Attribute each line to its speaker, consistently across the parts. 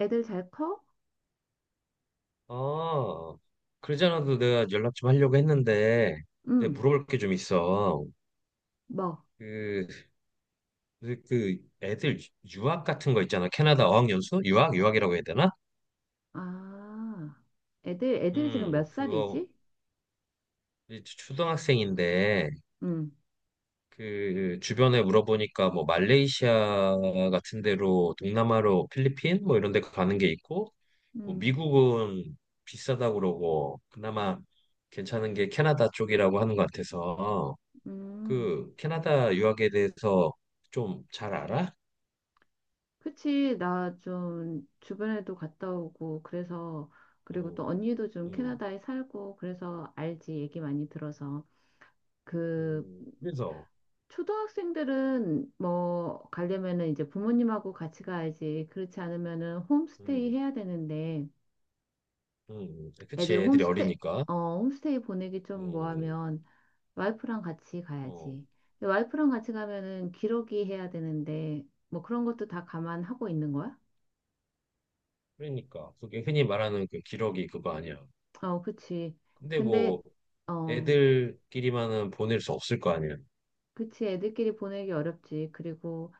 Speaker 1: 애들 잘 커?
Speaker 2: 아, 그러지 않아도 내가 연락 좀 하려고 했는데, 내가
Speaker 1: 응,
Speaker 2: 물어볼 게 좀 있어.
Speaker 1: 뭐.
Speaker 2: 그, 그 애들 유학 같은 거 있잖아. 캐나다 어학연수? 유학? 유학이라고 해야 되나?
Speaker 1: 아, 애들이 지금 몇
Speaker 2: 그거
Speaker 1: 살이지?
Speaker 2: 이제 초등학생인데,
Speaker 1: 응,
Speaker 2: 그 주변에 물어보니까 뭐 말레이시아 같은 데로 동남아로 필리핀 뭐 이런 데 가는 게 있고, 뭐
Speaker 1: 응,
Speaker 2: 미국은 비싸다고 그러고, 그나마 괜찮은 게 캐나다 쪽이라고 하는 것 같아서.
Speaker 1: 응.
Speaker 2: 그 캐나다 유학에 대해서 좀 잘 알아?
Speaker 1: 그치, 나 좀 주변에도 갔다 오고, 그래서 그리고 또
Speaker 2: 음,
Speaker 1: 언니도 좀
Speaker 2: 음,
Speaker 1: 캐나다에 살고, 그래서 알지, 얘기 많이 들어서. 그,
Speaker 2: 그래서,
Speaker 1: 초등학생들은 뭐, 가려면은 이제 부모님하고 같이 가야지. 그렇지 않으면은 홈스테이
Speaker 2: 음,
Speaker 1: 해야 되는데,
Speaker 2: 그치,
Speaker 1: 애들
Speaker 2: 애들이
Speaker 1: 홈스테
Speaker 2: 어리니까.
Speaker 1: 홈스테이 보내기
Speaker 2: 음,
Speaker 1: 좀
Speaker 2: 음.
Speaker 1: 뭐하면, 와이프랑 같이
Speaker 2: 어,
Speaker 1: 가야지. 근데 와이프랑 같이 가면은 기러기 해야 되는데 뭐 그런 것도 다 감안하고 있는 거야?
Speaker 2: 그러니까. 그게 흔히 말하는 그 기러기 그거 아니야.
Speaker 1: 어, 그치.
Speaker 2: 근데
Speaker 1: 근데
Speaker 2: 뭐,
Speaker 1: 어,
Speaker 2: 애들끼리만은 보낼 수 없을 거 아니야.
Speaker 1: 그치. 애들끼리 보내기 어렵지. 그리고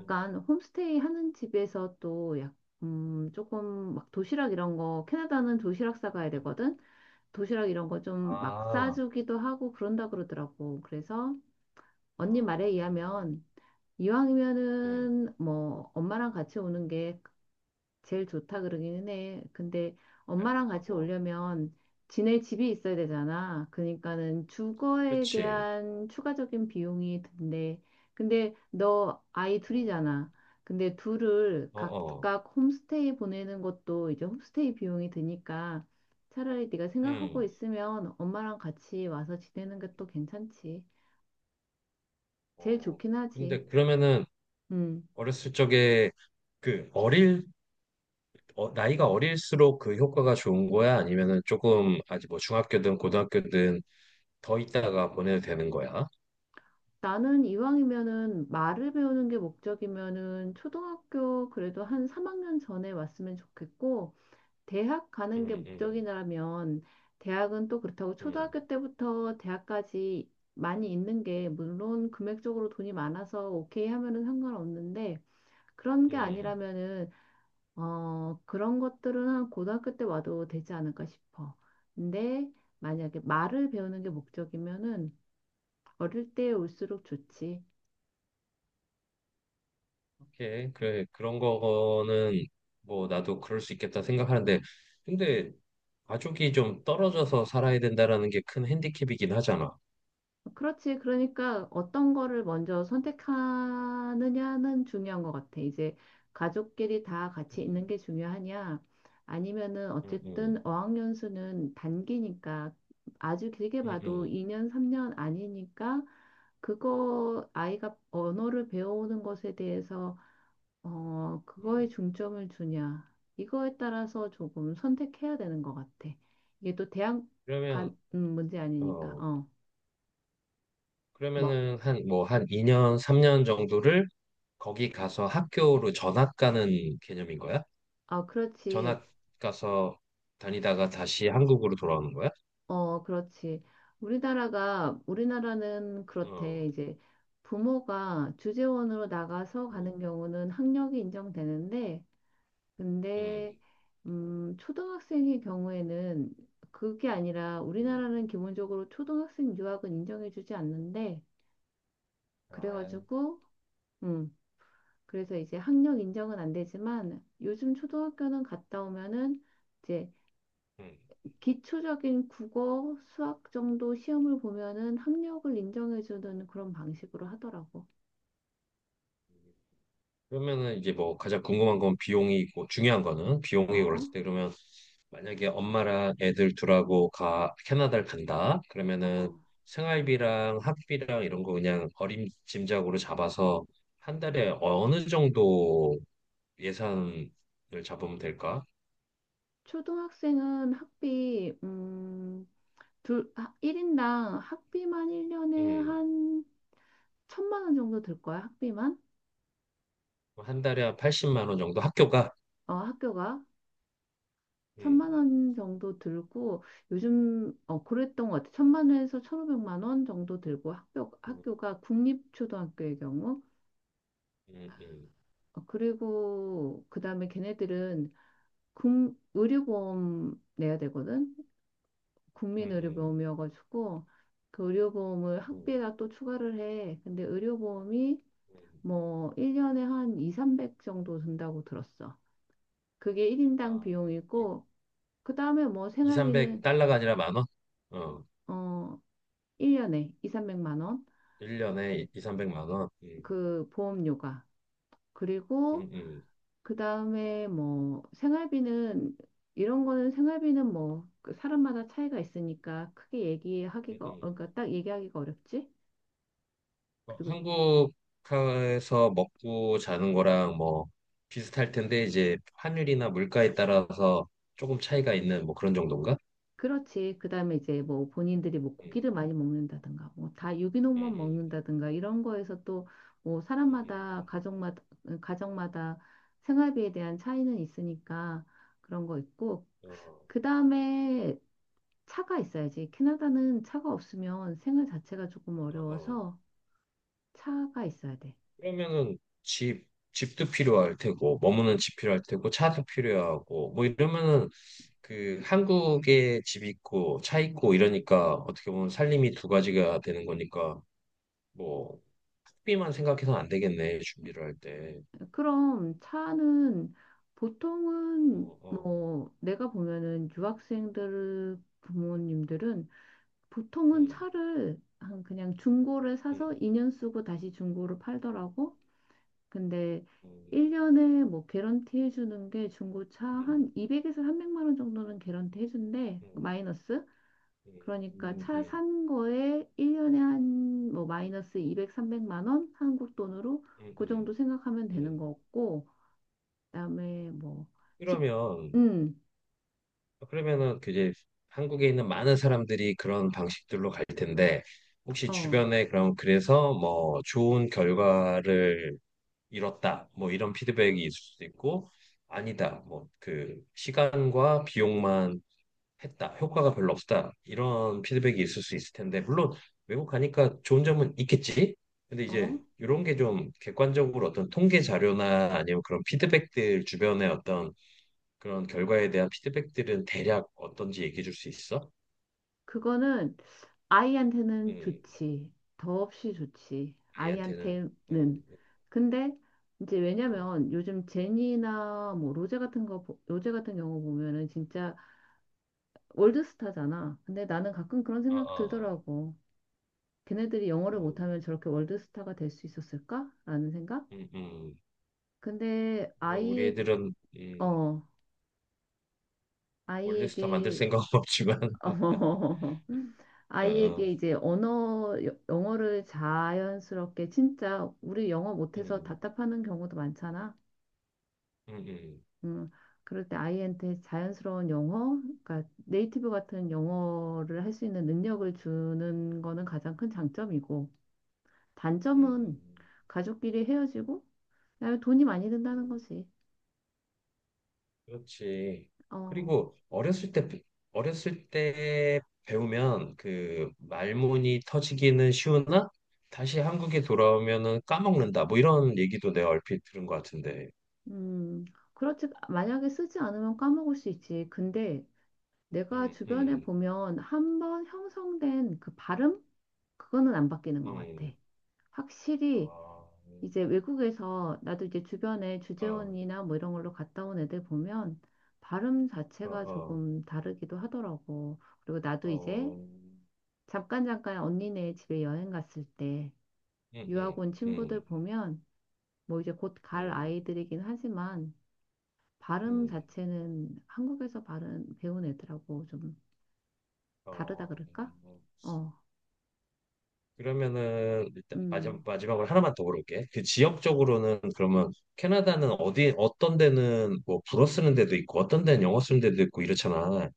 Speaker 2: 음,
Speaker 1: 홈스테이 하는 집에서 조금 막 도시락 이런 거, 캐나다는 도시락 싸가야
Speaker 2: 음.
Speaker 1: 되거든. 도시락 이런 거 좀 막
Speaker 2: 아,
Speaker 1: 싸주기도 하고 그런다 그러더라고. 그래서
Speaker 2: 아,
Speaker 1: 언니 말에 의하면
Speaker 2: 음,
Speaker 1: 이왕이면은 뭐 엄마랑 같이 오는 게 제일 좋다 그러기는 해. 근데 엄마랑 같이
Speaker 2: 하고.
Speaker 1: 오려면 지낼 집이 있어야 되잖아. 그러니까는 주거에
Speaker 2: 그치.
Speaker 1: 대한 추가적인 비용이 든대. 근데 너 아이
Speaker 2: 어, 어,
Speaker 1: 둘이잖아. 근데 둘을
Speaker 2: 어, 어.
Speaker 1: 각각 홈스테이 보내는 것도 이제 홈스테이 비용이 드니까 차라리 네가 생각하고
Speaker 2: 음,
Speaker 1: 있으면 엄마랑 같이 와서 지내는 게 또 괜찮지. 제일
Speaker 2: 어.
Speaker 1: 좋긴 하지.
Speaker 2: 근데 그러면은
Speaker 1: 음.
Speaker 2: 어렸을 적에 그 어릴 나이가 어릴수록 그 효과가 좋은 거야? 아니면은 조금 아직 뭐 중학교든 고등학교든 더 있다가 보내도 되는 거야?
Speaker 1: 나는 이왕이면은 말을 배우는 게 목적이면은 초등학교 그래도 한 3학년 전에 왔으면 좋겠고, 대학 가는 게
Speaker 2: 음, 음,
Speaker 1: 목적이라면, 대학은 또 그렇다고
Speaker 2: 음,
Speaker 1: 초등학교 때부터 대학까지 많이 있는 게, 물론 금액적으로 돈이 많아서 오케이 하면은 상관없는데, 그런 게
Speaker 2: 음.
Speaker 1: 아니라면은, 그런 것들은 한 고등학교 때 와도 되지 않을까 싶어. 근데 만약에 말을 배우는 게 목적이면은 어릴 때 올수록 좋지.
Speaker 2: 오케이. 그래, 그런 거는 뭐 나도 그럴 수 있겠다 생각하는데, 근데 가족이 좀 떨어져서 살아야 된다라는 게 큰 핸디캡이긴 하잖아.
Speaker 1: 그렇지. 그러니까 어떤 거를 먼저 선택하느냐는 중요한 것 같아. 이제 가족끼리 다 같이
Speaker 2: 음,
Speaker 1: 있는 게 중요하냐? 아니면은
Speaker 2: 음, 음,
Speaker 1: 어쨌든 어학연수는 단기니까, 아주 길게
Speaker 2: 음,
Speaker 1: 봐도
Speaker 2: 음.
Speaker 1: 2년, 3년 아니니까, 그거 아이가 언어를 배우는 것에 대해서
Speaker 2: 음.
Speaker 1: 그거에 중점을 주냐. 이거에 따라서 조금 선택해야 되는 것 같아. 이게 또 대학
Speaker 2: 그러면,
Speaker 1: 간 문제 아니니까.
Speaker 2: 어,
Speaker 1: 어. 뭐.
Speaker 2: 그러면은 뭐, 한 2년, 3년 정도를 거기 가서 학교로 전학 가는 개념인 거야?
Speaker 1: 아, 그렇지.
Speaker 2: 전학 가서 다니다가 다시 한국으로 돌아오는 거야?
Speaker 1: 어, 그렇지. 우리나라는 그렇대.
Speaker 2: 어,
Speaker 1: 이제 부모가 주재원으로 나가서
Speaker 2: 음,
Speaker 1: 가는 경우는 학력이 인정되는데,
Speaker 2: 음,
Speaker 1: 근데, 초등학생의 경우에는 그게 아니라,
Speaker 2: 음,
Speaker 1: 우리나라는 기본적으로 초등학생 유학은 인정해주지 않는데,
Speaker 2: 아,
Speaker 1: 그래가지고, 음, 그래서 이제 학력 인정은 안 되지만, 요즘 초등학교는 갔다 오면은, 이제
Speaker 2: 음.
Speaker 1: 기초적인 국어, 수학 정도 시험을 보면은 학력을 인정해주는 그런 방식으로 하더라고.
Speaker 2: 그러면은 이제 뭐 가장 궁금한 건 비용이 있고 중요한 거는 비용이
Speaker 1: 어,
Speaker 2: 올랐을 때 그러면 만약에 엄마랑 애들 둘하고 가 캐나다를 간다 그러면은
Speaker 1: 어.
Speaker 2: 생활비랑 학비랑 이런 거 그냥 어림짐작으로 잡아서 한 달에 어느 정도 예산을 잡으면 될까?
Speaker 1: 초등학생은 학비, 둘, 1인당 학비만 1년에
Speaker 2: 음,
Speaker 1: 한 1,000만 원 정도 들 거야, 학비만?
Speaker 2: 한 달에 한 80만 원 정도 학교가.
Speaker 1: 어, 학교가. 천만
Speaker 2: 음,
Speaker 1: 원 정도 들고, 요즘, 그랬던 것 같아. 1,000만 원에서 1,500만 원 정도 들고,
Speaker 2: 음,
Speaker 1: 학교가 국립초등학교의 경우.
Speaker 2: 음, 음,
Speaker 1: 어, 그리고, 그 다음에 걔네들은 의료보험 내야 되거든.
Speaker 2: 음, 음,
Speaker 1: 국민의료보험이어가지고 그 의료보험을
Speaker 2: 음,
Speaker 1: 학비에다 또 추가를 해. 근데 의료보험이
Speaker 2: 음.
Speaker 1: 뭐 1년에 한 이삼백 정도 든다고 들었어. 그게 1인당
Speaker 2: 아, 이-
Speaker 1: 비용이고, 그다음에 뭐 생활비는
Speaker 2: 300달러가 아니라 만 원? 어,
Speaker 1: 어 1년에 200~300만 원.
Speaker 2: 1년에 2, 300만 원.
Speaker 1: 그 보험료가.
Speaker 2: 음,
Speaker 1: 그리고
Speaker 2: 음,
Speaker 1: 그 다음에 뭐 생활비는, 이런 거는 생활비는 뭐그 사람마다 차이가 있으니까 크게
Speaker 2: 음,
Speaker 1: 얘기하기가,
Speaker 2: 음.
Speaker 1: 그러니까 딱 얘기하기가 어렵지.
Speaker 2: 어,
Speaker 1: 그리고
Speaker 2: 한국에서 먹고 자는 거랑 뭐 비슷할 텐데 이제 환율이나 물가에 따라서 조금 차이가 있는 뭐 그런 정도인가?
Speaker 1: 그렇지. 그 다음에 이제 뭐 본인들이 뭐
Speaker 2: 음,
Speaker 1: 고기를 많이 먹는다든가 뭐 다 유기농만
Speaker 2: 음,
Speaker 1: 먹는다든가 이런 거에서 또 뭐
Speaker 2: 음,
Speaker 1: 사람마다
Speaker 2: 음,
Speaker 1: 가정마다, 가정마다 생활비에 대한 차이는 있으니까 그런 거 있고
Speaker 2: 어,
Speaker 1: 그 다음에 차가 있어야지. 캐나다는 차가 없으면 생활 자체가 조금
Speaker 2: 어, 어.
Speaker 1: 어려워서 차가 있어야 돼.
Speaker 2: 그러면은 집, 집도 필요할 테고, 머무는 집 필요할 테고, 차도 필요하고, 뭐 이러면은 그 한국에 집 있고, 차 있고 이러니까 어떻게 보면 살림이 두 가지가 되는 거니까, 뭐, 학비만 생각해서는 안 되겠네, 준비를 할 때.
Speaker 1: 그럼 차는 보통은
Speaker 2: 어, 어,
Speaker 1: 뭐 내가 보면은 유학생들 부모님들은 보통은
Speaker 2: 음,
Speaker 1: 차를 한 그냥 중고를
Speaker 2: 음,
Speaker 1: 사서 2년 쓰고 다시 중고를 팔더라고. 근데
Speaker 2: 음,
Speaker 1: 1년에 뭐 개런티 해주는 게, 중고차
Speaker 2: 음,
Speaker 1: 한 200에서 300만 원 정도는 개런티 해준대.
Speaker 2: 음,
Speaker 1: 마이너스. 그러니까
Speaker 2: 음,
Speaker 1: 차
Speaker 2: 음,
Speaker 1: 산 거에 1년에 한 뭐 마이너스 200~300만 원 한국 돈으로
Speaker 2: 음,
Speaker 1: 그
Speaker 2: 음,
Speaker 1: 정도 생각하면 되는
Speaker 2: 음.
Speaker 1: 거고 그다음에 뭐 집,
Speaker 2: 그러면
Speaker 1: 음,
Speaker 2: 그러면은 그 이제 한국에 있는 많은 사람들이 그런 방식들로 갈 텐데 혹시
Speaker 1: 어,
Speaker 2: 주변에 그럼 그래서 뭐 좋은 결과를 이뤘다 뭐 이런 피드백이 있을 수도 있고 아니다 뭐 그 시간과 비용만 했다 효과가 별로 없다 이런 피드백이 있을 수 있을 텐데 물론 외국 가니까 좋은 점은 있겠지. 근데 이제
Speaker 1: 어,
Speaker 2: 이런 게 좀 객관적으로 어떤 통계 자료나 아니면 그런 피드백들 주변에 어떤 그런 결과에 대한 피드백들은 대략 어떤지 얘기해 줄 수 있어?
Speaker 1: 그거는 아이한테는
Speaker 2: 음,
Speaker 1: 좋지. 더없이 좋지.
Speaker 2: 아이한테는.
Speaker 1: 아이한테는.
Speaker 2: 음,
Speaker 1: 근데 이제
Speaker 2: 어,
Speaker 1: 왜냐면 요즘 제니나 뭐 로제 같은 거, 로제 같은 경우 보면은 진짜 월드스타잖아. 근데 나는 가끔 그런
Speaker 2: 어, 어,
Speaker 1: 생각
Speaker 2: 어.
Speaker 1: 들더라고. 걔네들이 영어를
Speaker 2: 음,
Speaker 1: 못하면 저렇게 월드스타가 될 수 있었을까 라는 생각?
Speaker 2: 음, 음.
Speaker 1: 근데
Speaker 2: 어, 우리 애들은
Speaker 1: 어,
Speaker 2: 월드스타 만들
Speaker 1: 아이에게,
Speaker 2: 생각은 없지만,
Speaker 1: 어,
Speaker 2: 어,
Speaker 1: 아이에게
Speaker 2: 어,
Speaker 1: 이제 영어를 자연스럽게, 진짜 우리 영어 못해서
Speaker 2: 음,
Speaker 1: 답답하는 경우도 많잖아.
Speaker 2: 음, 음,
Speaker 1: 음, 그럴 때 아이한테 자연스러운 영어, 그러니까 네이티브 같은 영어를 할 수 있는 능력을 주는 거는 가장 큰 장점이고, 단점은
Speaker 2: 음,
Speaker 1: 가족끼리 헤어지고, 그다음에 돈이 많이 든다는
Speaker 2: 음.
Speaker 1: 거지.
Speaker 2: 그렇지.
Speaker 1: 어,
Speaker 2: 그리고 어렸을 때 배우면 그 말문이 터지기는 쉬우나 다시 한국에 돌아오면은 까먹는다. 뭐 이런 얘기도 내가 얼핏 들은 것 같은데.
Speaker 1: 음, 그렇지. 만약에 쓰지 않으면 까먹을 수 있지. 근데 내가
Speaker 2: 음,
Speaker 1: 주변에
Speaker 2: 음.
Speaker 1: 보면, 한번 형성된 그 발음? 그거는 안 바뀌는 것 같아.
Speaker 2: 음,
Speaker 1: 확실히.
Speaker 2: 아,
Speaker 1: 이제 외국에서, 나도 이제 주변에
Speaker 2: 어,
Speaker 1: 주재원이나 뭐 이런 걸로 갔다 온 애들 보면 발음
Speaker 2: 어,
Speaker 1: 자체가
Speaker 2: 어,
Speaker 1: 조금 다르기도 하더라고. 그리고 나도 이제
Speaker 2: 어,
Speaker 1: 잠깐 언니네 집에 여행 갔을 때 유학
Speaker 2: 음,
Speaker 1: 온 친구들
Speaker 2: 음,
Speaker 1: 보면, 뭐 이제 곧 갈
Speaker 2: 음,
Speaker 1: 아이들이긴 하지만, 발음
Speaker 2: 음,
Speaker 1: 자체는 한국에서 발음 배운 애들하고 좀 다르다
Speaker 2: 어.
Speaker 1: 그럴까?
Speaker 2: 음.
Speaker 1: 어,
Speaker 2: 그러면은 일단 마지막,
Speaker 1: 음.
Speaker 2: 마지막으로 하나만 더 물어볼게. 그 지역적으로는 그러면 캐나다는 어디 어떤 데는 뭐 불어 쓰는 데도 있고 어떤 데는 영어 쓰는 데도 있고 이렇잖아.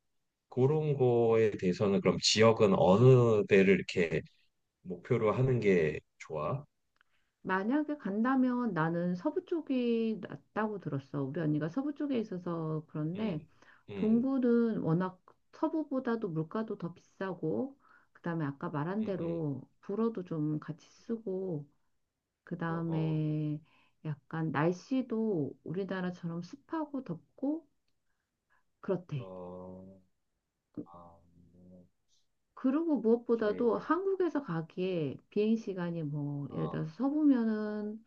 Speaker 2: 그런 거에 대해서는 그럼 지역은 어느 데를 이렇게 목표로 하는 게 좋아?
Speaker 1: 만약에 간다면 나는 서부 쪽이 낫다고 들었어. 우리 언니가 서부 쪽에 있어서 그런데,
Speaker 2: 음, 음,
Speaker 1: 동부는 워낙 서부보다도 물가도 더 비싸고, 그다음에 아까 말한
Speaker 2: 음, 음,
Speaker 1: 대로 불어도 좀 같이 쓰고,
Speaker 2: 어, 어,
Speaker 1: 그다음에 약간 날씨도 우리나라처럼 습하고 덥고 그렇대.
Speaker 2: 어. 아,
Speaker 1: 그리고
Speaker 2: 오케이.
Speaker 1: 무엇보다도
Speaker 2: 예.
Speaker 1: 한국에서 가기에 비행 시간이, 뭐 예를
Speaker 2: 어,
Speaker 1: 들어서 서부면은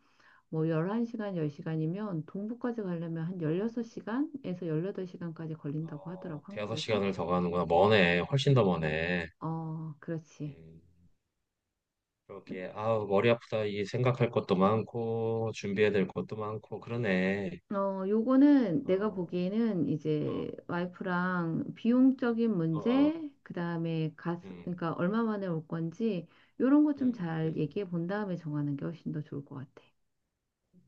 Speaker 1: 뭐 11시간, 10시간이면, 동부까지 가려면 한
Speaker 2: 어,
Speaker 1: 16시간에서 18시간까지 걸린다고
Speaker 2: 어,
Speaker 1: 하더라고,
Speaker 2: 대여섯
Speaker 1: 한국에서.
Speaker 2: 시간을 더 가는구나. 머네. 훨씬 더 머네.
Speaker 1: 어, 그렇지.
Speaker 2: 음, 그렇게, 아우, 머리 아프다. 이 생각할 것도 많고, 준비해야 될 것도 많고, 그러네.
Speaker 1: 어, 요거는
Speaker 2: 어,
Speaker 1: 내가 보기에는
Speaker 2: 어,
Speaker 1: 이제 와이프랑 비용적인
Speaker 2: 어, 어,
Speaker 1: 문제, 그다음에 가
Speaker 2: 음,
Speaker 1: 그러니까 얼마 만에 올 건지, 요런 거 좀
Speaker 2: 음,
Speaker 1: 잘
Speaker 2: 음.
Speaker 1: 얘기해 본 다음에 정하는 게 훨씬 더 좋을 것 같아.
Speaker 2: 음.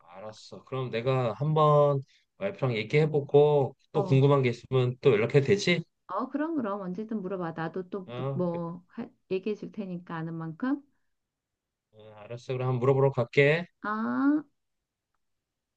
Speaker 2: 알았어. 그럼 내가 한번 와이프랑 얘기해보고, 또
Speaker 1: 어.
Speaker 2: 궁금한 게 있으면 또 연락해도 되지?
Speaker 1: 어, 그럼, 그럼. 언제든 물어봐. 나도 또, 또
Speaker 2: 어,
Speaker 1: 뭐, 얘기해 줄 테니까 아는 만큼.
Speaker 2: 어, 알았어. 그럼 한번 물어보러 갈게.
Speaker 1: 아.